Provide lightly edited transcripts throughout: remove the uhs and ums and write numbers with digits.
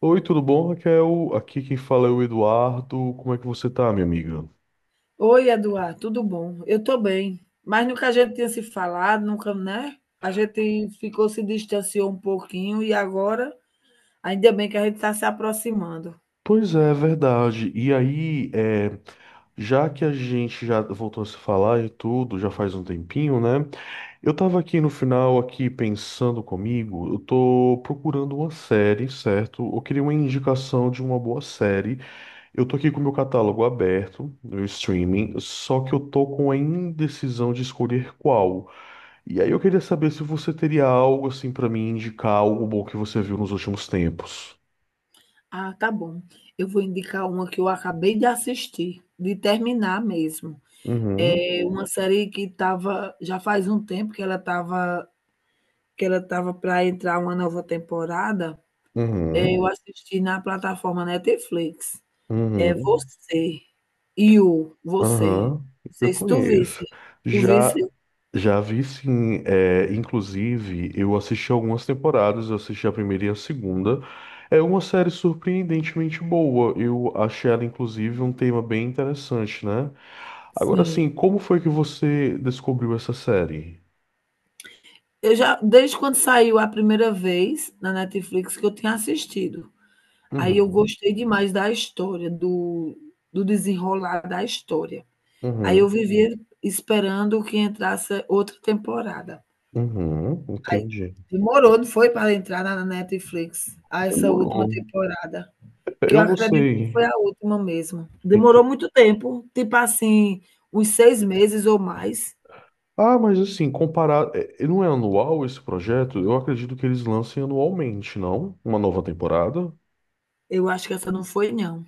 Oi, tudo bom, Raquel? Aqui quem fala é o Eduardo. Como é que você tá, minha amiga? Oi, Eduardo, tudo bom? Eu estou bem, mas nunca a gente tinha se falado, nunca, né? A gente ficou, se distanciou um pouquinho e agora, ainda bem que a gente está se aproximando. Pois é, verdade. E aí, já que a gente já voltou a se falar e tudo, já faz um tempinho, né? Eu tava aqui no final, aqui pensando comigo, eu tô procurando uma série, certo? Eu queria uma indicação de uma boa série. Eu tô aqui com o meu catálogo aberto, no streaming, só que eu tô com a indecisão de escolher qual. E aí eu queria saber se você teria algo assim pra mim indicar algo bom que você viu nos últimos tempos. Ah, tá bom. Eu vou indicar uma que eu acabei de assistir, de terminar mesmo. Uhum, É uma série que estava, já faz um tempo que ela estava para entrar uma nova temporada. Uhum, Eu assisti na plataforma Netflix. É uhum, você, e o você. aham. Não Eu sei se tu visse. conheço. Tu visse? Já já vi sim, é, inclusive eu assisti algumas temporadas, eu assisti a primeira e a segunda. É uma série surpreendentemente boa. Eu achei ela inclusive um tema bem interessante, né? Agora Sim. sim, como foi que você descobriu essa série? Eu já desde quando saiu a primeira vez na Netflix que eu tinha assistido. Aí eu Uhum, gostei demais da história, do desenrolar da história. Aí eu uhum, vivia esperando que entrasse outra temporada. uhum, Aí entendi. demorou, não foi, para entrar na Netflix, a essa última Demorou. temporada. Que eu Eu não acredito que sei. foi a última mesmo. Demorou Ent- muito tempo, tipo assim, uns 6 meses ou mais. Ah, mas assim, comparado. Não é anual esse projeto? Eu acredito que eles lancem anualmente, não? Uma nova temporada? Eu acho que essa não foi não,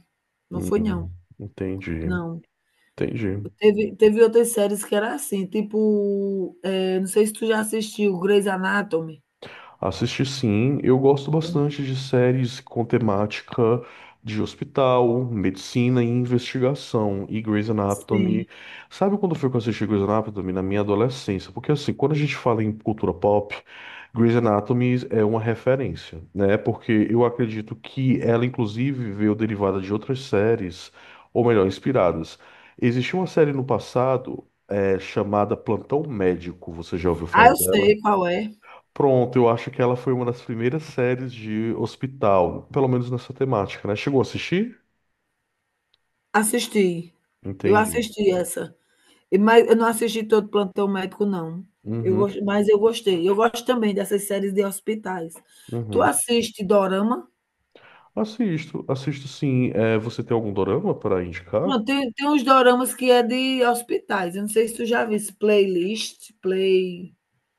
não foi não, Hum, entendi, não. entendi. Teve outras séries que era assim, tipo, não sei se tu já assistiu Grey's Anatomy. Assisti sim, eu gosto Hum, bastante de séries com temática de hospital, medicina e investigação. E Grey's sim. Anatomy. Sabe quando foi que eu assisti Grey's Anatomy? Na minha adolescência. Porque assim, quando a gente fala em cultura pop, Grey's Anatomy é uma referência, né? Porque eu acredito que ela, inclusive, veio derivada de outras séries, ou melhor, inspiradas. Existia uma série no passado, chamada Plantão Médico, você já ouviu Ah, falar eu dela? sei qual é. Pronto, eu acho que ela foi uma das primeiras séries de hospital, pelo menos nessa temática, né? Chegou a assistir? Assisti, eu Entendi. assisti essa, mas eu não assisti todo Plantão Médico não. Eu Uhum, gos Mas eu gostei. Eu gosto também dessas séries de hospitais. Tu uhum. assiste dorama? Assisto, assisto sim. É, você tem algum dorama para indicar? Não, tem uns doramas que é de hospitais, eu não sei se tu já viu esse Playlist, Play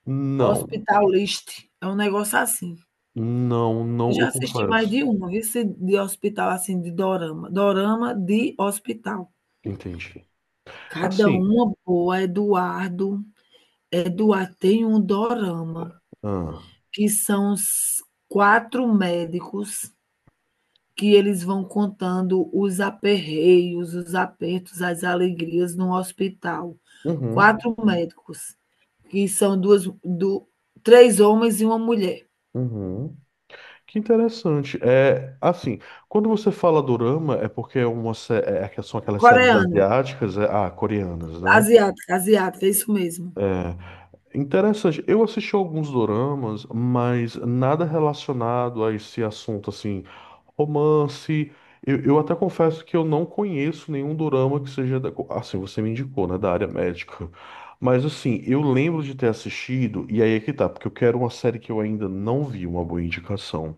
Não, Hospital List, é um negócio assim. não, Eu não, já eu assisti mais confesso. de uma, viu, se de hospital, assim, de dorama. Dorama de hospital. Entendi. Cada Assim, uma boa, Eduardo. Eduardo, tem um dorama ah, que são os 4 médicos, que eles vão contando os aperreios, os apertos, as alegrias no hospital. uhum, Quatro médicos, que são duas, do, três homens e uma mulher. uhum. Que interessante. É, assim, quando você fala dorama, é porque é uma, é que são aquelas séries Coreano, asiáticas, coreanas, né? asiática, asiática, é isso mesmo. É. Interessante. Eu assisti alguns doramas, mas nada relacionado a esse assunto, assim, romance. Eu até confesso que eu não conheço nenhum dorama que seja da, assim, você me indicou, né, da área médica. Mas assim, eu lembro de ter assistido, e aí é que tá, porque eu quero uma série que eu ainda não vi, uma boa indicação.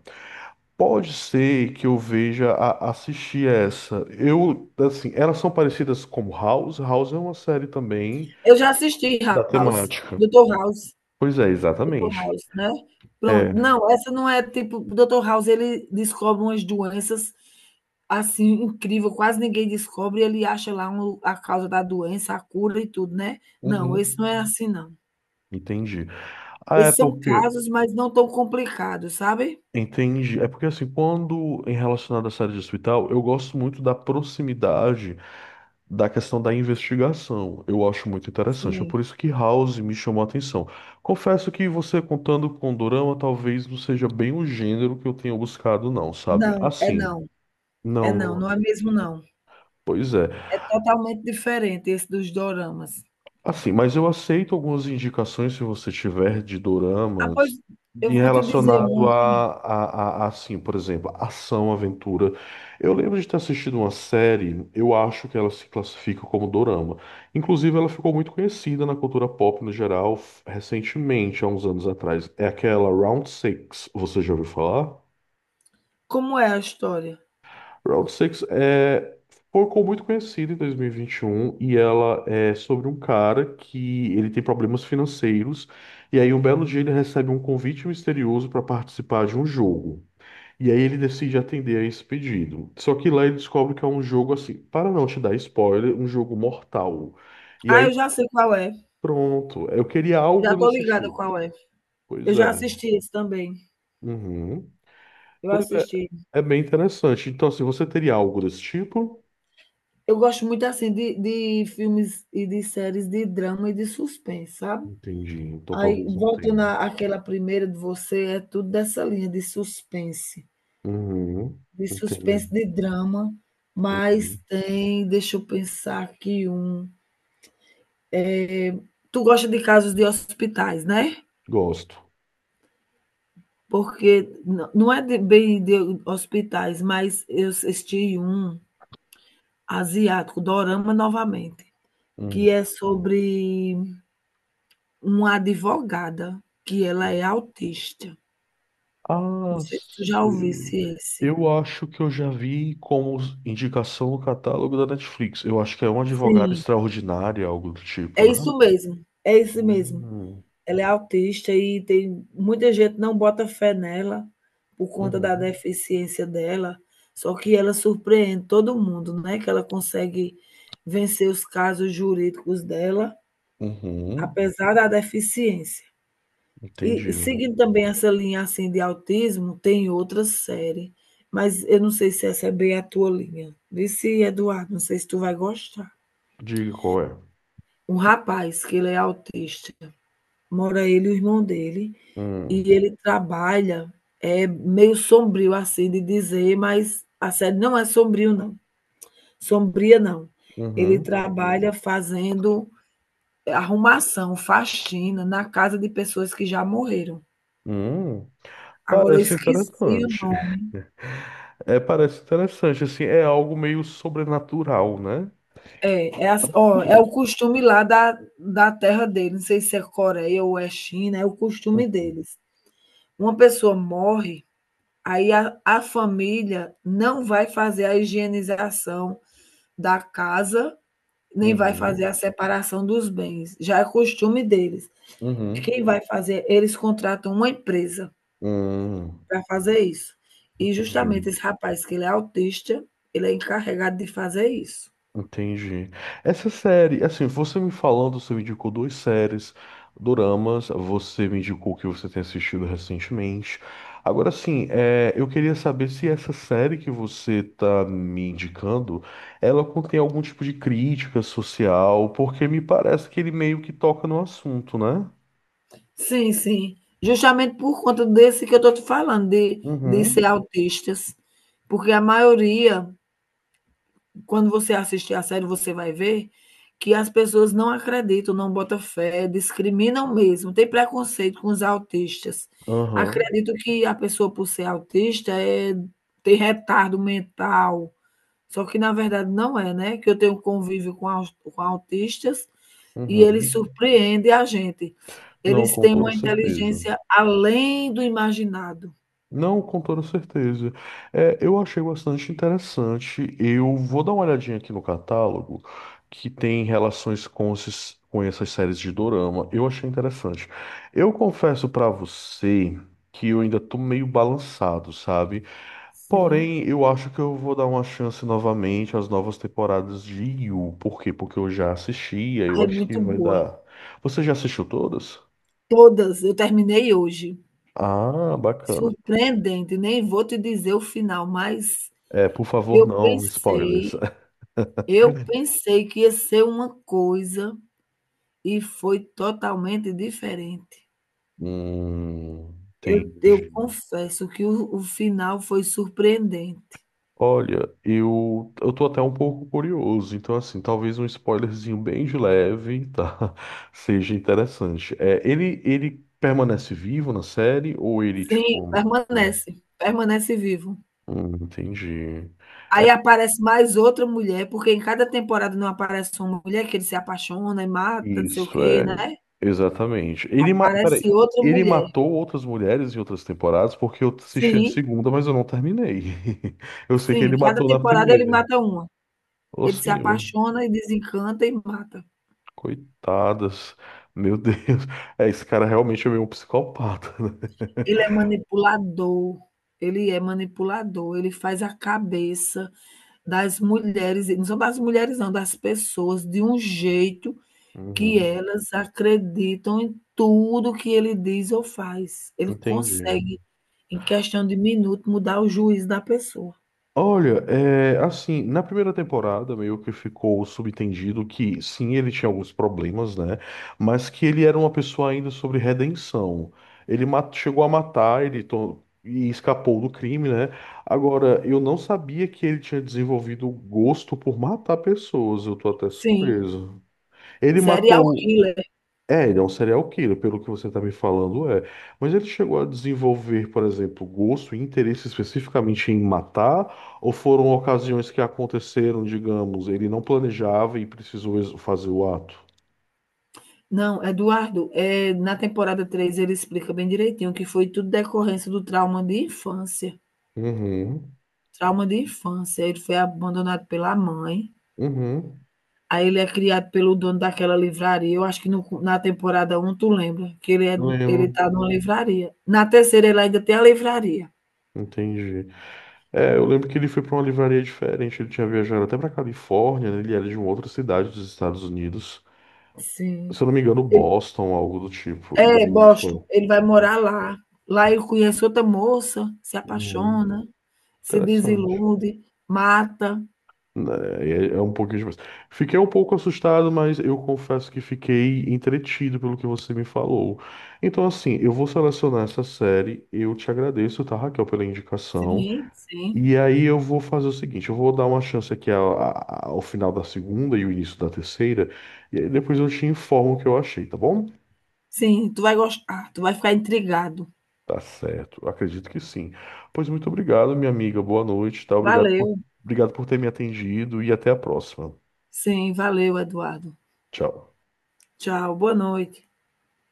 Pode ser que eu veja a, assistir essa. Eu, assim, elas são parecidas como House. House é uma série também Eu já assisti da House, temática. Dr. House. Pois é, Doutor exatamente. House, né? É, Pronto. Não, essa não é tipo, o Dr. House ele descobre umas doenças assim incrível, quase ninguém descobre, e ele acha lá a causa da doença, a cura e tudo, né? Não, esse uhum, não é assim não. entendi. Ah, é Esses são porque, casos, mas não tão complicados, sabe? entendi. É porque assim, quando em relacionado à série de hospital, eu gosto muito da proximidade da questão da investigação. Eu acho muito interessante. É Sim. por isso que House me chamou a atenção. Confesso que você contando com Dorama, talvez não seja bem o gênero que eu tenha buscado, não, sabe? Não, é Assim, não. É não. não, não não- é mesmo não. Pois é. É totalmente diferente esse dos doramas. Assim, mas eu aceito algumas indicações se você tiver de Ah, pois doramas eu em vou te dizer um relacionado a, aqui. a, a- a, assim, por exemplo, ação, aventura. Eu lembro de ter assistido uma série, eu acho que ela se classifica como dorama. Inclusive, ela ficou muito conhecida na cultura pop no geral recentemente, há uns anos atrás. É aquela Round Six, você já ouviu falar? Como é a história? Round Six é, ficou muito conhecida em 2021 e ela é sobre um cara que ele tem problemas financeiros e aí um belo dia ele recebe um convite misterioso para participar de um jogo. E aí ele decide atender a esse pedido. Só que lá ele descobre que é um jogo assim, para não te dar spoiler, um jogo mortal. E Ah, aí eu já sei qual é. pronto, eu queria algo Já tô desse ligada tipo. qual é. Eu Pois já é. assisti esse também, Uhum. eu Pois é, assisti. é bem interessante. Então, assim, você teria algo desse tipo? Eu gosto muito, assim, de filmes e de séries de drama e de suspense, sabe. Entendi. Então Aí, talvez não voltando tenha. à àquela primeira de você, é tudo dessa linha de suspense, Uhum. de Entendi. suspense, de drama, mas Uhum. tem deixa eu pensar aqui um. Tu gosta de casos de hospitais, né? Gosto. Porque não é de bem de hospitais, mas eu assisti um asiático, dorama novamente, Uhum. que é sobre uma advogada, que ela é autista. Não Ah, sei se tu já sei. ouvisse esse. Eu acho que eu já vi como indicação no catálogo da Netflix. Eu acho que é uma advogada Sim, extraordinária, algo do tipo, é né? isso mesmo, é isso mesmo. Uhum. Ela é autista e tem muita gente não bota fé nela, por conta da Uhum. deficiência dela, só que ela surpreende todo mundo, né, que ela consegue vencer os casos jurídicos dela, Uhum. apesar da deficiência. E Entendido. seguindo também essa linha, assim, de autismo, tem outra série, mas eu não sei se essa é bem a tua linha. Vê se, Eduardo, não sei se tu vai gostar. Diga qual é. Um rapaz que ele é autista, mora ele e o irmão dele, Hum. e ele trabalha, é meio sombrio assim de dizer, mas a série não é sombrio não, sombria não. Ele Uhum. trabalha fazendo arrumação, faxina na casa de pessoas que já morreram. Hum. Agora eu Parece esqueci o interessante. nome. É, parece interessante, assim, é algo meio sobrenatural, né? É, é, ó, é o costume lá da terra dele, não sei se é Coreia ou é China, é o costume Uhum. deles. Uma pessoa morre, aí a família não vai fazer a higienização da casa, nem vai fazer Uhum. a separação dos bens. Já é costume deles. Uhum. Quem vai fazer? Eles contratam uma empresa Hum, para fazer isso. E justamente entendi, esse rapaz, que ele é autista, ele é encarregado de fazer isso. entendi. Essa série, assim, você me falando, você me indicou duas séries, doramas, você me indicou que você tem assistido recentemente. Agora, assim, eu queria saber se essa série que você tá me indicando, ela contém algum tipo de crítica social, porque me parece que ele meio que toca no assunto, né? Sim, sim. Justamente por conta desse que eu estou te falando, de Uhum, ser autistas, porque a maioria, quando você assistir a série, você vai ver que as pessoas não acreditam, não botam fé, discriminam mesmo, tem preconceito com os autistas. aham, Acredito que a pessoa, por ser autista, tem retardo mental. Só que na verdade não é, né, que eu tenho convívio com autistas e eles uhum. surpreendem a gente. Não, Eles com têm toda uma certeza. inteligência além do imaginado. Não, com toda certeza. É, eu achei bastante interessante. Eu vou dar uma olhadinha aqui no catálogo que tem relações com, com essas séries de dorama. Eu achei interessante. Eu confesso pra você que eu ainda tô meio balançado, sabe? Sim. Porém, eu acho que eu vou dar uma chance novamente às novas temporadas de Yu. Por quê? Porque eu já assisti, aí eu Ah, é acho que muito vai boa. dar. Você já assistiu todas? Todas, eu terminei hoje. Ah, bacana. Surpreendente, nem vou te dizer o final, mas É, por favor, eu não, spoilers. pensei eu pensei que ia ser uma coisa e foi totalmente diferente. Eu entendi. confesso que o final foi surpreendente. Olha, eu tô até um pouco curioso, então assim, talvez um spoilerzinho bem de leve, tá? Seja interessante. É, ele permanece vivo na série ou ele, Sim, tipo... permanece, permanece vivo. Entendi. Aí aparece mais outra mulher, porque em cada temporada não aparece uma mulher que ele se apaixona e mata, não sei o Isso, quê, é, né. exatamente. Ele, peraí, Aparece outra ele mulher. matou outras mulheres em outras temporadas porque eu assisti a Sim, segunda, mas eu não terminei. Eu sei que sim, ele cada matou na temporada ele primeira. mata uma. Ô, Ele se senhor. apaixona e desencanta e mata. Coitadas. Meu Deus. É, esse cara realmente é meio um psicopata, né? Ele é manipulador, ele é manipulador, ele faz a cabeça das mulheres, e não são das mulheres não, das pessoas, de um jeito que Uhum. elas acreditam em tudo que ele diz ou faz. Ele Entendi. consegue, em questão de minuto, mudar o juízo da pessoa. Olha, é, assim, na primeira temporada meio que ficou subentendido que sim, ele tinha alguns problemas, né? Mas que ele era uma pessoa ainda sobre redenção. Ele chegou a matar, e escapou do crime, né? Agora, eu não sabia que ele tinha desenvolvido gosto por matar pessoas, eu tô até Sim, surpreso. Ele serial matou. killer. É, ele é um serial killer, pelo que você está me falando, é. Mas ele chegou a desenvolver, por exemplo, gosto e interesse especificamente em matar, ou foram ocasiões que aconteceram, digamos, ele não planejava e precisou fazer o ato? Não, Eduardo, na temporada três ele explica bem direitinho que foi tudo decorrência do trauma de infância. Uhum, Trauma de infância. Ele foi abandonado pela mãe, uhum. aí ele é criado pelo dono daquela livraria. Eu acho que no na temporada um tu lembra que ele é Eu ele lembro. tá numa livraria. Na terceira ele ainda tem a livraria. Entendi. É, eu lembro que ele foi para uma livraria diferente, ele tinha viajado até para Califórnia, né? Ele era de uma outra cidade dos Estados Unidos, Sim. se eu não me engano, Ele Boston, algo do tipo. E aí ele Boston, foi. ele vai morar lá. Lá ele conhece outra moça, se Uhum. apaixona, se Interessante. desilude, mata. Né, É, é um pouquinho demais. Fiquei um pouco assustado, mas eu confesso que fiquei entretido pelo que você me falou. Então, assim, eu vou selecionar essa série. Eu te agradeço, tá, Raquel, pela indicação. Sim, sim. E aí eu vou fazer o seguinte: eu vou dar uma chance aqui ao, ao final da segunda e o início da terceira. E aí depois eu te informo o que eu achei, tá bom? Sim, tu vai gostar, tu vai ficar intrigado. Tá certo, acredito que sim. Pois muito obrigado, minha amiga. Boa noite, tá? Valeu. Obrigado por ter me atendido e até a próxima. Sim, valeu, Eduardo. Tchau. Tchau, boa noite.